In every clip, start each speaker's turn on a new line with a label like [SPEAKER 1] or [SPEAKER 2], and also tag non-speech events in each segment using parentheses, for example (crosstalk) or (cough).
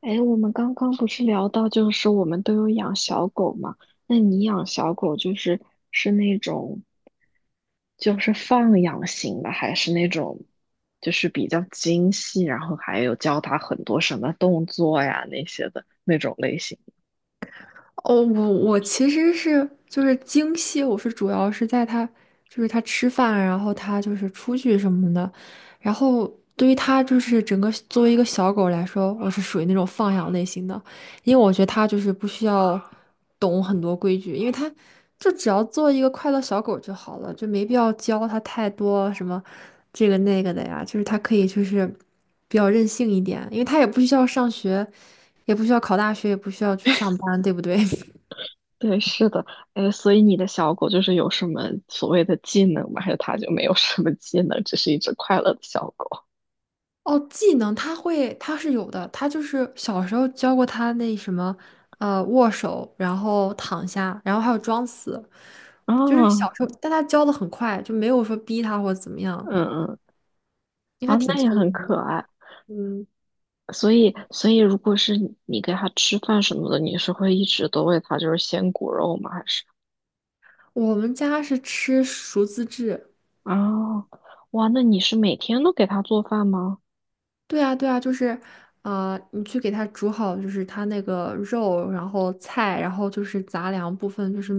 [SPEAKER 1] 哎，我们刚刚不是聊到，就是我们都有养小狗嘛？那你养小狗就是是那种放养型的，还是那种就是比较精细，然后还有教它很多什么动作呀那些的那种类型？
[SPEAKER 2] 哦，我其实是就是精细，我是主要是在他就是他吃饭，然后他就是出去什么的，然后对于他就是整个作为一个小狗来说，我是属于那种放养类型的，因为我觉得它就是不需要懂很多规矩，因为它就只要做一个快乐小狗就好了，就没必要教它太多什么这个那个的呀，就是它可以就是比较任性一点，因为它也不需要上学，也不需要考大学，也不需要去上班，对不对？
[SPEAKER 1] 对，是的。哎，所以你的小狗就是有什么所谓的技能吗？还是它就没有什么技能，只是一只快乐的小狗？
[SPEAKER 2] 哦，技能他会，他是有的，他就是小时候教过他那什么，握手，然后躺下，然后还有装死，就是小
[SPEAKER 1] 啊。
[SPEAKER 2] 时候，但他教的很快，就没有说逼他或者怎么样，
[SPEAKER 1] 嗯嗯。
[SPEAKER 2] 因
[SPEAKER 1] 啊，
[SPEAKER 2] 为他挺
[SPEAKER 1] 那也
[SPEAKER 2] 聪
[SPEAKER 1] 很
[SPEAKER 2] 明的。
[SPEAKER 1] 可爱。
[SPEAKER 2] 嗯，
[SPEAKER 1] 所以，所以如果是你给它吃饭什么的，你是会一直都喂它就是鲜骨肉吗？还是
[SPEAKER 2] 我们家是吃熟自制，
[SPEAKER 1] 啊，哇，那你是每天都给它做饭吗？
[SPEAKER 2] 对啊，对啊，就是，你去给它煮好，就是它那个肉，然后菜，然后就是杂粮部分，就是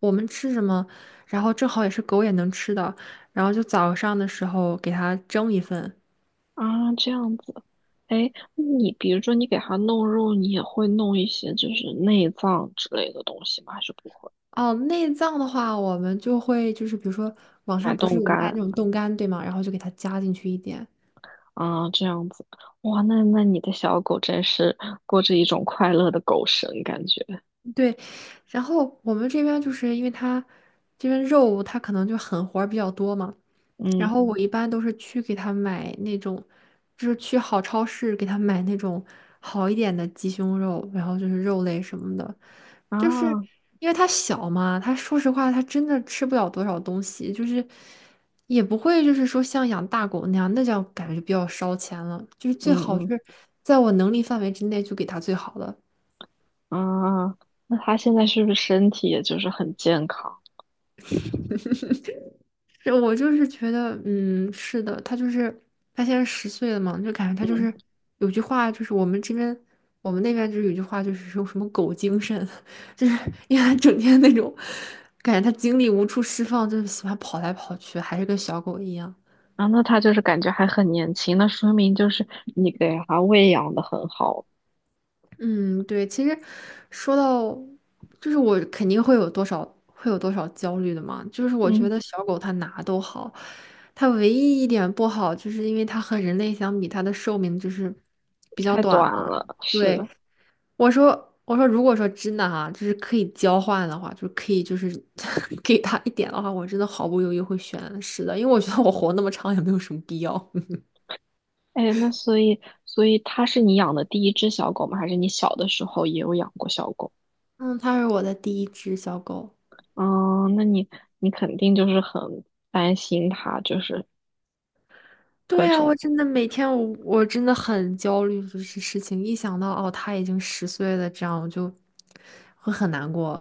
[SPEAKER 2] 我们吃什么，然后正好也是狗也能吃的，然后就早上的时候给它蒸一份。
[SPEAKER 1] 啊，这样子。哎，那你比如说你给它弄肉，你也会弄一些就是内脏之类的东西吗？还是不会？
[SPEAKER 2] 哦，内脏的话，我们就会就是比如说网
[SPEAKER 1] 买
[SPEAKER 2] 上不
[SPEAKER 1] 冻
[SPEAKER 2] 是有卖
[SPEAKER 1] 干。
[SPEAKER 2] 那种冻干，对吗？然后就给它加进去一点。
[SPEAKER 1] 啊，这样子。哇，那那你的小狗真是过着一种快乐的狗生感觉。
[SPEAKER 2] 对，然后我们这边就是因为它这边肉它可能就狠活儿比较多嘛。然
[SPEAKER 1] 嗯。
[SPEAKER 2] 后我一般都是去给他买那种，就是去好超市给他买那种好一点的鸡胸肉，然后就是肉类什么的，就是
[SPEAKER 1] 啊。
[SPEAKER 2] 因为它小嘛，它说实话它真的吃不了多少东西，就是也不会就是说像养大狗那样，那叫感觉就比较烧钱了，就是最
[SPEAKER 1] 嗯
[SPEAKER 2] 好就
[SPEAKER 1] 嗯。
[SPEAKER 2] 是在我能力范围之内就给它最好的。
[SPEAKER 1] 啊，那他现在是不是身体也就是很健康？
[SPEAKER 2] 是我就是觉得，嗯，是的，他就是他现在十岁了嘛，就感觉他就是
[SPEAKER 1] 嗯。
[SPEAKER 2] 有句话，就是我们这边我们那边就是有句话，就是说什么“狗精神”，(laughs) 就是因为他整天那种感觉，他精力无处释放，就是喜欢跑来跑去，还是跟小狗一样。
[SPEAKER 1] 啊，那他就是感觉还很年轻，那说明就是你给他喂养的很好。
[SPEAKER 2] 嗯，对，其实说到，就是我肯定会有多少会有多少焦虑的嘛。就是我觉
[SPEAKER 1] 嗯。
[SPEAKER 2] 得小狗它哪都好，它唯一一点不好，就是因为它和人类相比，它的寿命就是比较
[SPEAKER 1] 太
[SPEAKER 2] 短
[SPEAKER 1] 短
[SPEAKER 2] 嘛。
[SPEAKER 1] 了，
[SPEAKER 2] 对，
[SPEAKER 1] 是。
[SPEAKER 2] 我说，如果说真的哈、就是可以交换的话，就是可以就是 (laughs) 给它一点的话，我真的毫不犹豫会选是的，因为我觉得我活那么长也没有什么必要。(laughs)
[SPEAKER 1] 哎，那所以，所以它是你养的第一只小狗吗？还是你小的时候也有养过小狗？
[SPEAKER 2] 嗯，它是我的第一只小狗。
[SPEAKER 1] 嗯，那你肯定就是很担心它，就是各
[SPEAKER 2] 对啊，我
[SPEAKER 1] 种。
[SPEAKER 2] 真的每天我真的很焦虑，就是事情一想到哦，他已经十岁了，这样我就会很难过。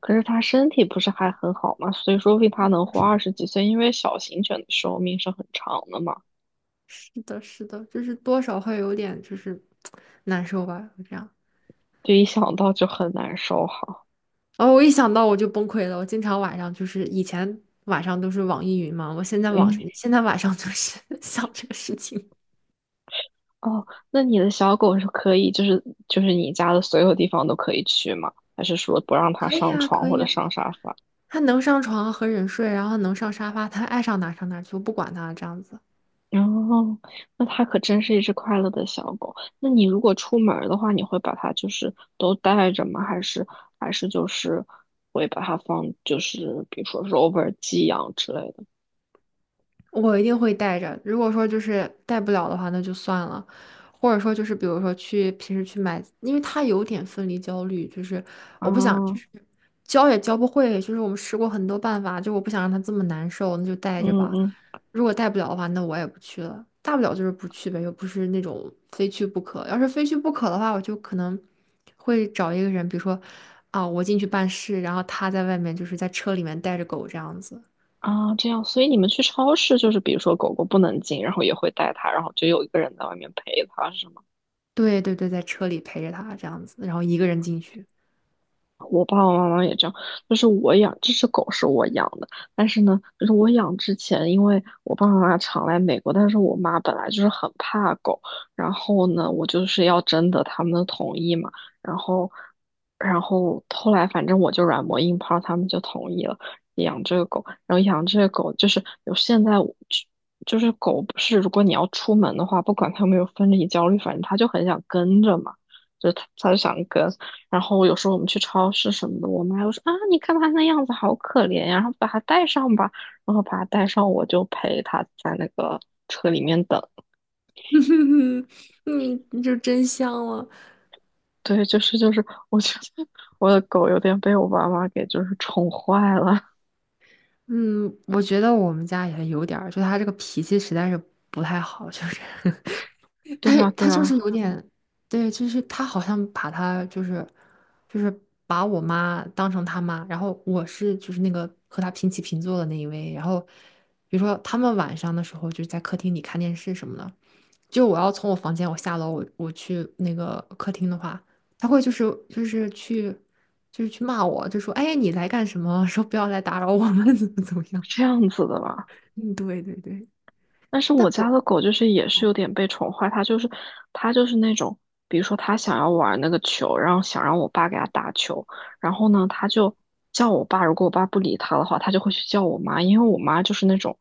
[SPEAKER 1] 可是它身体不是还很好吗？所以说为定它能活二十几岁，因为小型犬的寿命是很长的嘛。
[SPEAKER 2] 是的，是的，就是多少会有点就是难受吧，就这样。
[SPEAKER 1] 就一想到就很难受哈。
[SPEAKER 2] 哦，我一想到我就崩溃了。我经常晚上就是以前晚上都是网易云嘛，我现在网
[SPEAKER 1] 嗯。
[SPEAKER 2] 现在晚上就是 (laughs) 想这个事情。
[SPEAKER 1] 哦，那你的小狗是可以，就是你家的所有地方都可以去吗？还是说不让它
[SPEAKER 2] 可以
[SPEAKER 1] 上
[SPEAKER 2] 啊，
[SPEAKER 1] 床
[SPEAKER 2] 可
[SPEAKER 1] 或
[SPEAKER 2] 以
[SPEAKER 1] 者
[SPEAKER 2] 啊，
[SPEAKER 1] 上沙发？
[SPEAKER 2] 他能上床和人睡，然后能上沙发，他爱上哪上哪去，我不管他这样子。
[SPEAKER 1] 哦，那它可真是一只快乐的小狗。那你如果出门儿的话，你会把它就是都带着吗？还是就是会把它放，就是比如说 rover 寄养之类的？
[SPEAKER 2] 我一定会带着。如果说就是带不了的话，那就算了。或者说就是比如说去平时去买，因为他有点分离焦虑，就是
[SPEAKER 1] 啊，
[SPEAKER 2] 我不想就
[SPEAKER 1] 嗯
[SPEAKER 2] 是教也教不会，就是我们试过很多办法，就我不想让他这么难受，那就带着吧。
[SPEAKER 1] 嗯。
[SPEAKER 2] 如果带不了的话，那我也不去了。大不了就是不去呗，又不是那种非去不可。要是非去不可的话，我就可能会找一个人，比如说啊，我进去办事，然后他在外面就是在车里面带着狗这样子。
[SPEAKER 1] 啊，这样，所以你们去超市就是，比如说狗狗不能进，然后也会带它，然后就有一个人在外面陪它，是吗？
[SPEAKER 2] 对对对，在车里陪着他这样子，然后一个人进去。
[SPEAKER 1] 我爸爸妈妈也这样，就是我养这只狗是我养的，但是呢，就是我养之前，因为我爸爸妈妈常来美国，但是我妈本来就是很怕狗，然后呢，我就是要征得他们的同意嘛，然后，然后后来反正我就软磨硬泡，他们就同意了养这个狗，然后养这个狗就是有现在我就是狗不是如果你要出门的话，不管它有没有分离焦虑，反正它就很想跟着嘛。就它就想跟，然后有时候我们去超市什么的，我妈就说啊，你看它那样子好可怜呀，然后把它带上吧，然后把它带上，我就陪它在那个车里面等。
[SPEAKER 2] (laughs) 嗯，就真香了。
[SPEAKER 1] 对，就是，我觉得我的狗有点被我爸妈给就是宠坏了。
[SPEAKER 2] 嗯，我觉得我们家也有点儿，就他这个脾气实在是不太好，就是
[SPEAKER 1] (laughs)
[SPEAKER 2] (laughs) 他
[SPEAKER 1] 对呀，对
[SPEAKER 2] 他就是
[SPEAKER 1] 呀，
[SPEAKER 2] 有点，对，就是他好像把他就是把我妈当成他妈，然后我是就是那个和他平起平坐的那一位，然后比如说他们晚上的时候就是在客厅里看电视什么的，就我要从我房间我下楼我去那个客厅的话，他会就是就是去就是去骂我，就说哎你来干什么？说不要来打扰我们，怎么怎么样？
[SPEAKER 1] 是这样子的吧？
[SPEAKER 2] 嗯，对对对，
[SPEAKER 1] 但是
[SPEAKER 2] 但
[SPEAKER 1] 我
[SPEAKER 2] 我
[SPEAKER 1] 家的狗就是也是有点被宠坏，它就是那种，比如说它想要玩那个球，然后想让我爸给它打球，然后呢，它就叫我爸，如果我爸不理它的话，它就会去叫我妈，因为我妈就是那种，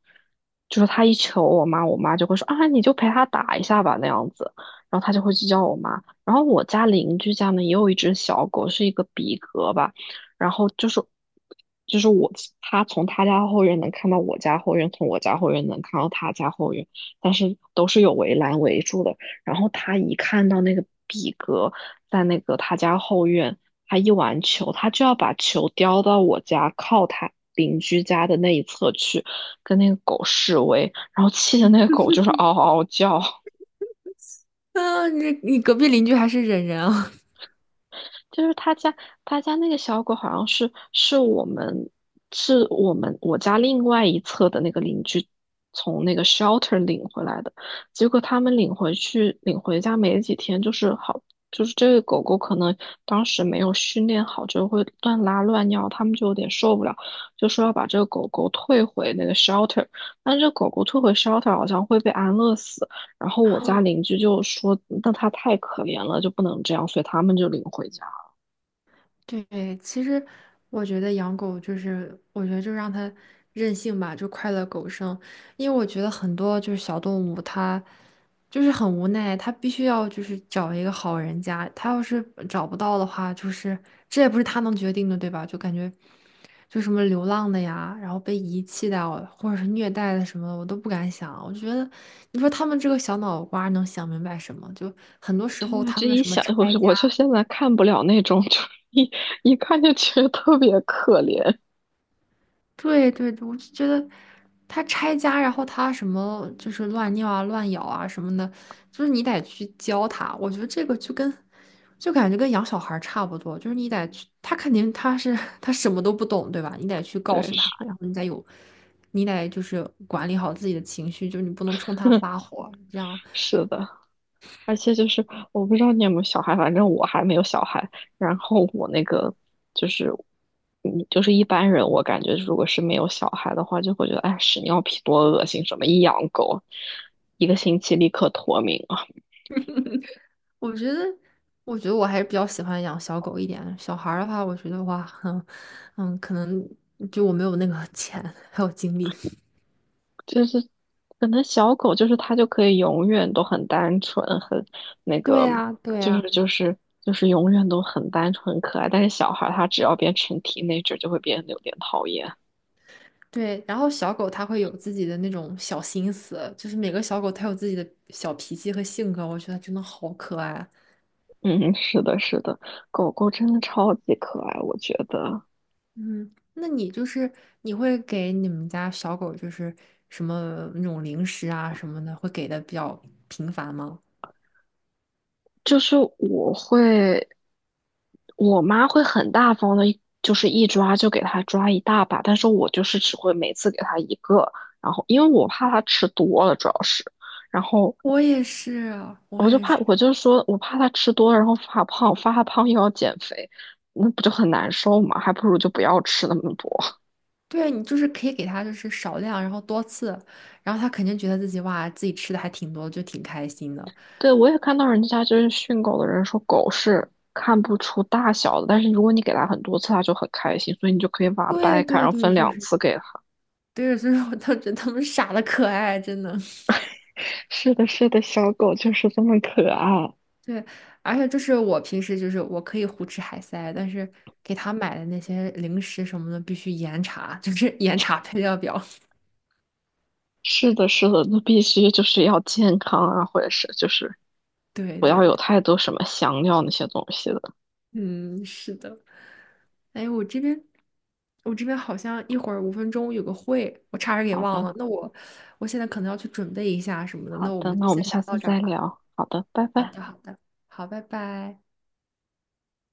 [SPEAKER 1] 就是它一求我妈，我妈就会说啊，你就陪它打一下吧那样子，然后它就会去叫我妈。然后我家邻居家呢也有一只小狗，是一个比格吧。然后就是就是我他从他家后院能看到我家后院，从我家后院能看到他家后院，但是都是有围栏围住的。然后他一看到那个比格在那个他家后院，他一玩球，他就要把球叼到我家靠他邻居家的那一侧去，跟那个狗示威，然后气的那个狗就是嗷嗷嗷叫。
[SPEAKER 2] 啊，你隔壁邻居还是忍人啊。
[SPEAKER 1] 就是他家他家那个小狗好像是我家另外一侧的那个邻居从那个 shelter 领回来的，结果他们领回家没几天，就是这个狗狗可能当时没有训练好，就会乱拉乱尿，他们就有点受不了，就说要把这个狗狗退回那个 shelter，但这狗狗退回 shelter 好像会被安乐死，然后我家邻居就说那它太可怜了，就不能这样，所以他们就领回家。
[SPEAKER 2] 对，其实我觉得养狗就是，我觉得就让它任性吧，就快乐狗生。因为我觉得很多就是小动物，它就是很无奈，它必须要就是找一个好人家。它要是找不到的话，就是这也不是它能决定的，对吧？就感觉就什么流浪的呀，然后被遗弃的啊或者是虐待的什么的，我都不敢想。我觉得你说他们这个小脑瓜儿能想明白什么？就很多时
[SPEAKER 1] 对
[SPEAKER 2] 候
[SPEAKER 1] 啊，
[SPEAKER 2] 他
[SPEAKER 1] 这
[SPEAKER 2] 们
[SPEAKER 1] 一
[SPEAKER 2] 什么
[SPEAKER 1] 想，我
[SPEAKER 2] 拆家。
[SPEAKER 1] 我就现在看不了那种，(laughs) 就是一看就觉得特别可怜。
[SPEAKER 2] 对对对，我就觉得他拆家，然后他什么就是乱尿啊、乱咬啊什么的，就是你得去教他。我觉得这个就跟就感觉跟养小孩儿差不多，就是你得去，他肯定他是 (laughs) 他什么都不懂，对吧？你得去告
[SPEAKER 1] 对，
[SPEAKER 2] 诉他，
[SPEAKER 1] 是
[SPEAKER 2] 然后你得有，你得就是管理好自己的情绪，就是你不能冲他发火。这样，
[SPEAKER 1] 是的，而且就是我不知道你有没有小孩，反正我还没有小孩。然后我那个就是，嗯，就是一般人，我感觉如果是没有小孩的话，就会觉得哎，屎尿屁多恶心，什么一养狗，一个星期立刻脱敏。
[SPEAKER 2] 我觉得，我觉得我还是比较喜欢养小狗一点。小孩儿的话，我觉得哇，(laughs) 嗯嗯，可能就我没有那个钱还有精力。
[SPEAKER 1] 就是可能小狗就是它就可以永远都很单纯，很那
[SPEAKER 2] 对
[SPEAKER 1] 个，
[SPEAKER 2] 呀，对
[SPEAKER 1] 就是
[SPEAKER 2] 呀，
[SPEAKER 1] 就是就是永远都很单纯很可爱。但是小孩儿他只要变成 teenager 就会变得有点讨厌。
[SPEAKER 2] 对，然后小狗它会有自己的那种小心思，就是每个小狗它有自己的小脾气和性格，我觉得真的好可爱啊
[SPEAKER 1] 嗯，是的，是的，狗狗真的超级可爱，我觉得。
[SPEAKER 2] 嗯，那你就是你会给你们家小狗就是什么那种零食啊什么的，会给的比较频繁吗？
[SPEAKER 1] 就是我会，我妈会很大方的，就是一抓就给它抓一大把，但是我就是只会每次给它一个，然后因为我怕它吃多了，主要是。然后
[SPEAKER 2] 我也是，我
[SPEAKER 1] 我就
[SPEAKER 2] 也
[SPEAKER 1] 怕，
[SPEAKER 2] 是。
[SPEAKER 1] 我就说，我怕它吃多了，然后发胖，发胖又要减肥，那不就很难受吗？还不如就不要吃那么多。(laughs)
[SPEAKER 2] 对，你就是可以给它就是少量，然后多次，然后它肯定觉得自己哇自己吃的还挺多，就挺开心的。
[SPEAKER 1] 对，我也看到人家就是训狗的人说，狗是看不出大小的，但是如果你给它很多次，它就很开心，所以你就可以把它
[SPEAKER 2] 对
[SPEAKER 1] 掰开，然
[SPEAKER 2] 对
[SPEAKER 1] 后
[SPEAKER 2] 对，
[SPEAKER 1] 分
[SPEAKER 2] 就
[SPEAKER 1] 两
[SPEAKER 2] 是
[SPEAKER 1] 次给它。
[SPEAKER 2] 对，所以说我都觉得他们傻的可爱，真的。
[SPEAKER 1] (laughs) 是的，是的，小狗就是这么可爱。
[SPEAKER 2] 对，而且就是我平时就是我可以胡吃海塞，但是给他买的那些零食什么的必须严查，就是 (laughs) 严查配料表。
[SPEAKER 1] 是的，是的，那必须就是要健康啊，或者是就是
[SPEAKER 2] (laughs) 对
[SPEAKER 1] 不
[SPEAKER 2] 对
[SPEAKER 1] 要
[SPEAKER 2] 对，
[SPEAKER 1] 有太多什么香料那些东西的。
[SPEAKER 2] 嗯，是的。哎，我这边好像一会儿5分钟有个会，我差点给
[SPEAKER 1] 好
[SPEAKER 2] 忘了。
[SPEAKER 1] 的，
[SPEAKER 2] 那我现在可能要去准备一下什么的，那
[SPEAKER 1] 好
[SPEAKER 2] 我
[SPEAKER 1] 的，
[SPEAKER 2] 们就
[SPEAKER 1] 那我
[SPEAKER 2] 先
[SPEAKER 1] 们下
[SPEAKER 2] 聊
[SPEAKER 1] 次
[SPEAKER 2] 到这儿
[SPEAKER 1] 再
[SPEAKER 2] 吧。
[SPEAKER 1] 聊。好的，拜
[SPEAKER 2] 好
[SPEAKER 1] 拜。
[SPEAKER 2] 的，好的，好，拜拜。